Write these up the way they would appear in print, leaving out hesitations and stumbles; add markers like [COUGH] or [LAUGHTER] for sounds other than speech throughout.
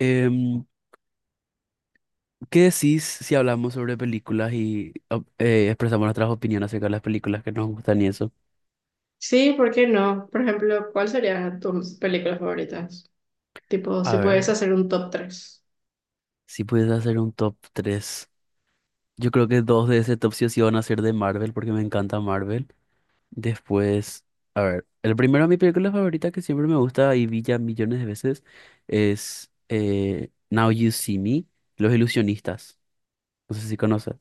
Em, ¿Qué decís si hablamos sobre películas y expresamos nuestras opiniones acerca de las películas que nos gustan y eso? Sí, ¿por qué no? Por ejemplo, ¿cuál serían tus películas favoritas? Tipo, si A puedes ver, hacer un top tres. si puedes hacer un top 3, yo creo que dos de ese top sí o sí van a ser de Marvel porque me encanta Marvel. Después, a ver, el primero, mi película favorita que siempre me gusta y vi ya millones de veces es Now You See Me, Los Ilusionistas. No sé si conoces.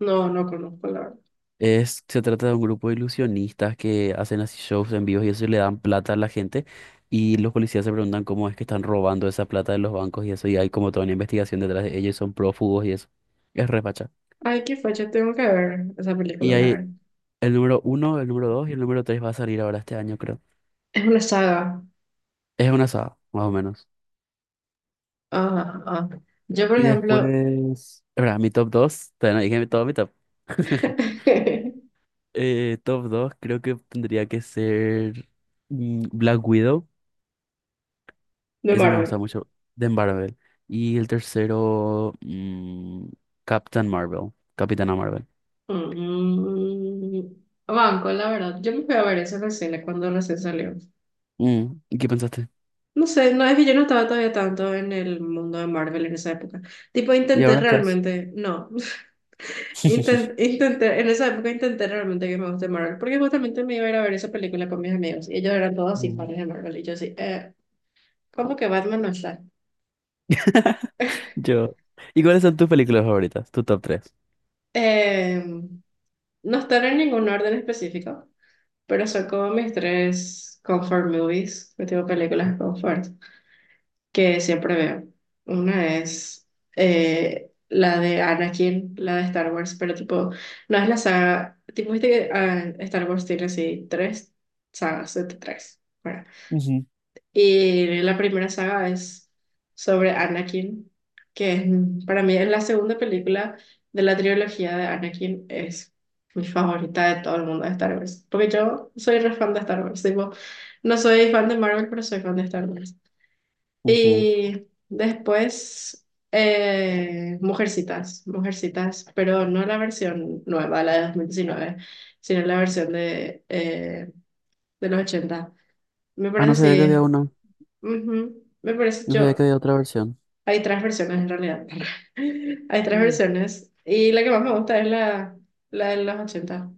No, no conozco, la verdad. Es, se trata de un grupo de ilusionistas que hacen así shows en vivo y eso y le dan plata a la gente y los policías se preguntan cómo es que están robando esa plata de los bancos y eso y hay como toda una investigación detrás de ellos, y son prófugos y eso. Es repacha. Ay, qué facha, tengo que ver esa película, Y la hay verdad. el número uno, el número dos y el número tres va a salir ahora este año, creo. Es una saga. Es una saga, más o menos. Ah, ah. Yo, por Y ejemplo, después, ¿verdad? Mi top dos, todavía no dije todo mi top. [LAUGHS] [LAUGHS] Top dos creo que tendría que ser Black Widow. de Ese me gusta Marvel. mucho, de Marvel. Y el tercero, Captain Marvel, Capitana Marvel. Mm, banco, la verdad. Yo me fui a ver esa recién, cuando recién salió. Mm, ¿y qué pensaste? No sé, no es que yo no estaba todavía tanto en el mundo de Marvel en esa época. Tipo, ¿Y intenté ahora estás? realmente, no. [LAUGHS] [LAUGHS] Intenté, en esa época intenté realmente que me guste Marvel, porque justamente me iba a ir a ver esa película con mis amigos y ellos eran todos así Mm. fans de Marvel y yo así, ¿cómo que Batman no está? [LAUGHS] [LAUGHS] Yo. ¿Y cuáles son tus películas favoritas? Tu top tres. Eh, no están en ningún orden específico, pero son como mis tres comfort movies, que tengo películas comfort, que siempre veo. Una es la de Anakin, la de Star Wars, pero tipo, no es la saga, tipo, viste que Star Wars tiene así tres sagas, set tres. Ujú, Y la primera saga es sobre Anakin, que es, para mí es la segunda película de la trilogía de Anakin, es mi favorita de todo el mundo de Star Wars, porque yo soy re fan de Star Wars, tipo, no soy fan de Marvel, pero soy fan de Star Wars. ujú. Y después, Mujercitas, Mujercitas, pero no la versión nueva, la de dos mil diecinueve, sino la versión de los ochenta. Me Ah, parece no sabía que había así. una. Ujú. Me parece No sabía que yo. había otra versión. Hay tres versiones en realidad. [LAUGHS] Hay tres Mm. versiones. Y la que más me gusta es la de los ochenta.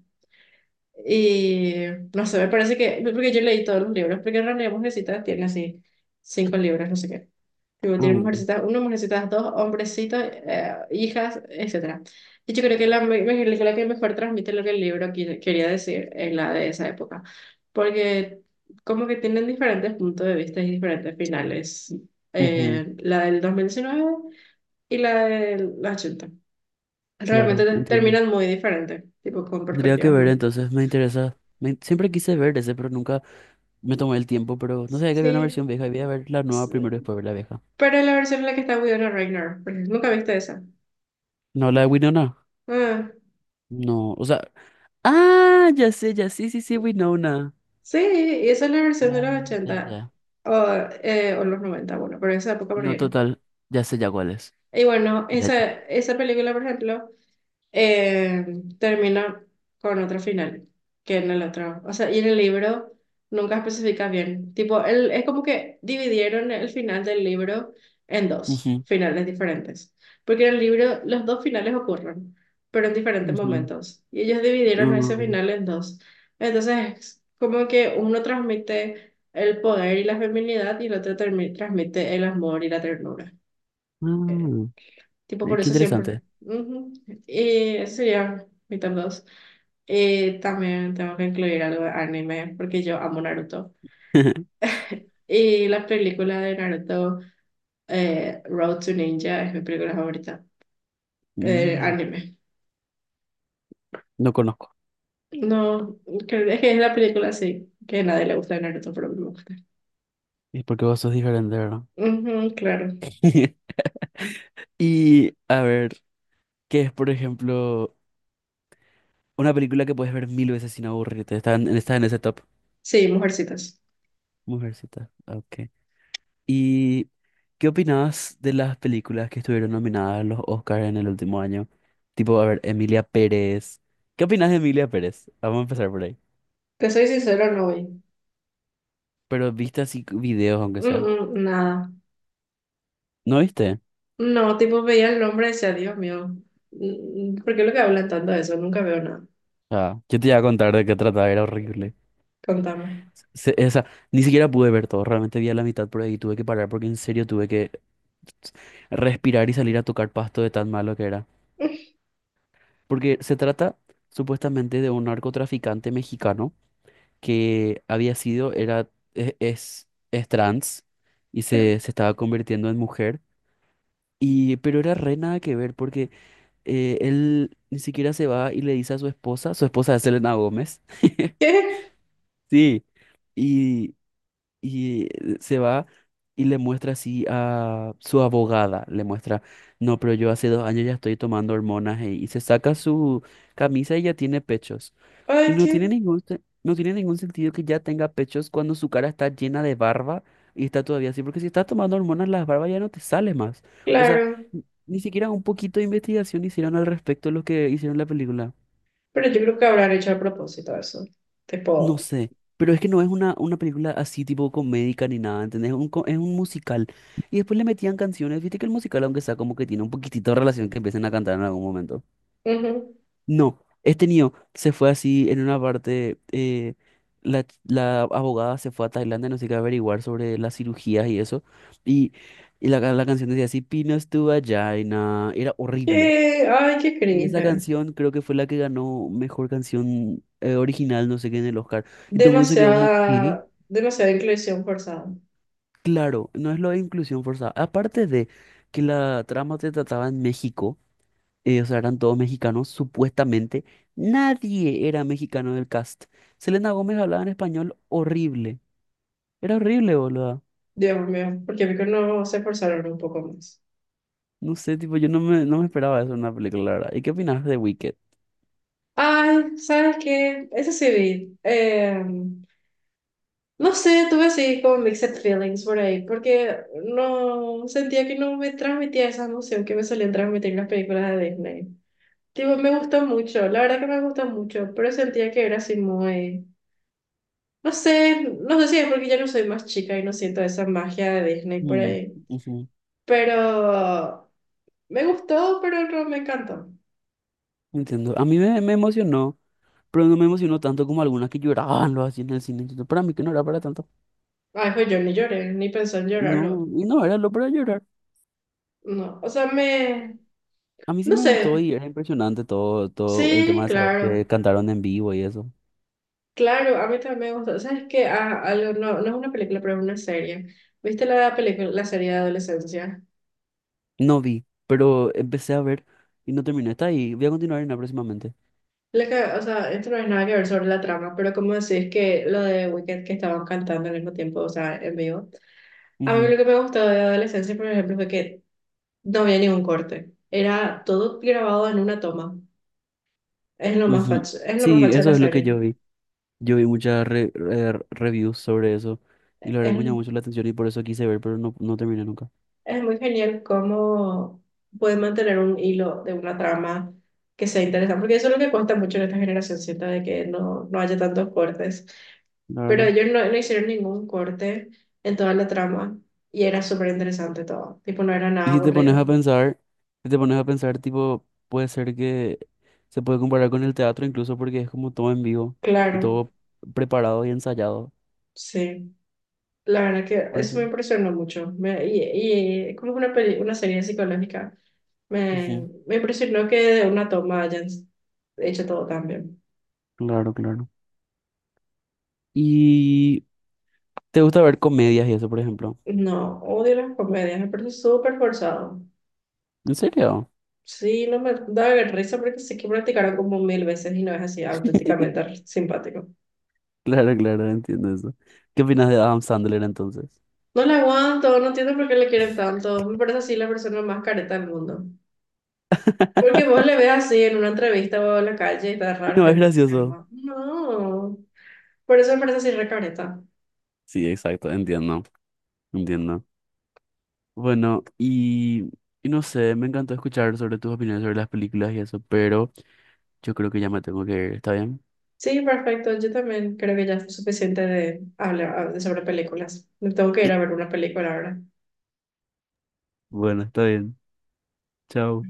Y no sé, me parece que, porque yo leí todos los libros, porque en realidad Mujercita tiene así cinco libros, no sé qué. Luego tiene Ah, mujercitas uno, mujercitas dos, hombrecitos, hijas, etcétera. Y yo creo que la que mejor transmite lo que el quería decir es la de esa época, porque como que tienen diferentes puntos de vista y diferentes finales. ujú, La del 2019 y la del 80 realmente claro, entiendo. terminan muy diferentes, tipo con Tendría que perspectivas ver, muy... entonces me interesa. Siempre quise ver ese, pero nunca me tomé el tiempo. Pero no sabía que había una Sí, versión vieja. Y voy a ver la nueva s- primero y después ver la vieja. pero la versión en la que está Winona Ryder, porque nunca viste esa. No, la de Winona. Ah. No, o sea, ah, ya sé, ya sí, sí, sí, Winona. Sí, y esa es la versión de Ya, los ya, ochenta ya. o, o los noventa, bueno, pero esa época No, primero. total, ya sé ya cuál es. Y bueno, Ya. esa película, por ejemplo, eh, termina con otro final que en el otro. O sea, y en el libro nunca especifica bien. Tipo, él, es como que dividieron el final del libro en dos Ujú, finales diferentes. Porque en el libro los dos finales ocurren, pero en diferentes ujú. momentos. Y ellos dividieron ese Mm, final en dos. Entonces, es como que uno transmite el poder y la feminidad y el otro transmite el amor y la ternura. mm, Tipo, por Qué eso siempre. interesante. Ujú. Y ese sería mi top 2. También tengo que incluir algo de anime porque yo amo Naruto. [LAUGHS] Y la película de Naruto, Road to Ninja, es mi película favorita. Mm, Anime. no conozco. No, es que es la película así, que a nadie le gusta de Naruto, pero a mí me gusta. Es porque vos sos diferente, ¿verdad? Ujú, claro. [LAUGHS] Y a ver, ¿qué es, por ejemplo, una película que puedes ver mil veces sin aburrirte? Está en ese top. Sí, Mujercitas. Mujercita. Ok. Y ¿qué opinás de las películas que estuvieron nominadas a los Oscars en el último año? Tipo, a ver, Emilia Pérez. ¿Qué opinás de Emilia Pérez? Vamos a empezar por ahí. Te soy sincero, no vi. Pero viste así videos, aunque Mm, sea. mm, nada. ¿No viste? No, tipo veía el nombre y decía, Dios mío, ¿por qué lo que hablan tanto de eso? Nunca veo nada. Ah, yo te iba a contar de qué trataba, era horrible. Contame. O sea, ni siquiera pude ver todo, realmente vi a la mitad por ahí, tuve que parar porque en serio tuve que respirar y salir a tocar pasto de tan malo que era. [LAUGHS] Porque se trata supuestamente de un narcotraficante mexicano que había sido, era, es trans y se estaba convirtiendo en mujer. Y, pero era re nada que ver porque él ni siquiera se va y le dice a su esposa es Selena Gómez, ¿Qué? [LAUGHS] sí, y y se va y le muestra así a su abogada, le muestra, no, pero yo hace 2 años ya estoy tomando hormonas ", y se saca su camisa y ya tiene pechos. Y Ay, no qué. tiene ningún, no tiene ningún sentido que ya tenga pechos cuando su cara está llena de barba y está todavía así, porque si estás tomando hormonas, las barbas ya no te sale más. O sea, Claro. Ni siquiera un poquito de investigación hicieron al respecto de lo que hicieron en la película. Pero yo creo que habrán hecho a propósito eso. No Tipo, sé, pero es que no es una película así tipo comédica ni nada, ¿entendés? Es un musical. Y después le metían canciones, viste que el musical, aunque sea como que tiene un poquitito de relación que empiecen a cantar en algún momento. ujú. No, este niño se fue así en una parte, la abogada se fue a Tailandia, no sé qué, a averiguar sobre las cirugías y eso. Y, y la canción decía así, Pinos tu vagina, era horrible. Ay, qué Y esa cringe. canción creo que fue la que ganó mejor canción original, no sé qué, en el Oscar. Y todo el mundo se quedó como, ¿qué? Demasiada, demasiada inclusión forzada. Claro, no es lo de inclusión forzada. Aparte de que la trama se trataba en México, o sea, eran todos mexicanos, supuestamente, nadie era mexicano del cast. Selena Gómez hablaba en español horrible. Era horrible, boludo. Dios mío, porque mí que no se forzaron un poco más. No sé, tipo, yo no me esperaba eso en una película, la verdad. ¿Y qué opinas de Wicked? Ay, ¿sabes qué? Eso sí vi. No sé, tuve así como mixed feelings por ahí, porque no sentía que no me transmitía esa emoción que me solían transmitir las películas de Disney. Tipo, me gustó mucho, la verdad que me gustó mucho, pero sentía que era así muy... No sé, no sé si es porque ya no soy más chica y no siento esa magia de Disney por Mm, ahí. ujú, Pero me gustó, pero no me encantó. entiendo. A mí me emocionó, pero no me emocionó tanto como algunas que lloraban lo así en el cine. Entonces, para mí que no era para tanto. Ay, jo, yo ni lloré, ni pensé en llorar. No, No, y no era lo para llorar. no, o sea, me... A mí sí No me gustó sé. y era impresionante todo, todo el tema Sí, de saber claro. que cantaron en vivo y eso. Claro, a mí también me gustó. ¿Sabes qué? Ah, algo, no, no es una película, pero es una serie. ¿Viste la película, la serie de adolescencia? No vi, pero empecé a ver y no terminé. Está ahí, voy a continuar en la próximamente. La que, o sea, esto no es nada que ver sobre la trama, pero como decís que lo de Wicked que estaban cantando al mismo tiempo, o sea, en vivo. A mí Ujú, lo que me gustó de adolescencia, por ejemplo, fue que no había ningún corte. Era todo grabado en una toma. Es lo más ujú. facho, es lo más Sí, facho de la eso es lo que serie. yo vi. Yo vi muchas reviews sobre eso y la verdad que me Es, llamó mucho la atención y por eso quise ver, pero no, no terminé nunca. es muy genial cómo pueden mantener un hilo de una trama que sea interesante, porque eso es lo que cuesta mucho en esta generación, siento de que no, no haya tantos cortes. Pero Claro. ellos no, no hicieron ningún corte en toda la trama y era súper interesante todo. Tipo, no era Y nada si te pones aburrido. a pensar, si te pones a pensar, tipo, puede ser que se puede comparar con el teatro incluso porque es como todo en vivo y Claro, todo preparado y ensayado. sí. La verdad que Por eso eso. me impresionó mucho. Me, y como es una, una serie psicológica, me, Ujú. me impresionó que de una toma hayan hecho todo tan bien. Claro, claro. ¿Y te gusta ver comedias y eso, por ejemplo? No, odio las comedias, me parece súper forzado. ¿En serio? Sí, no me da risa porque sé que practicaron como mil veces y no es así auténticamente [LAUGHS] simpático. Claro, claro, entiendo eso. ¿Qué opinas de Adam Sandler entonces? No la aguanto, no entiendo por qué le quieren tanto. Me parece así la persona más careta del mundo. Porque vos le ves [LAUGHS] así en una entrevista o en la calle y te da Y raro no es gente. gracioso. No. Por eso me parece así re careta. Sí, exacto, entiendo, entiendo. Bueno, y no sé, me encantó escuchar sobre tus opiniones sobre las películas y eso, pero yo creo que ya me tengo que ir, ¿está bien? Sí, perfecto. Yo también creo que ya es suficiente de hablar de sobre películas. Me tengo que ir a [CLEARS THROAT] ver una película ahora. Bueno, está bien. Chao.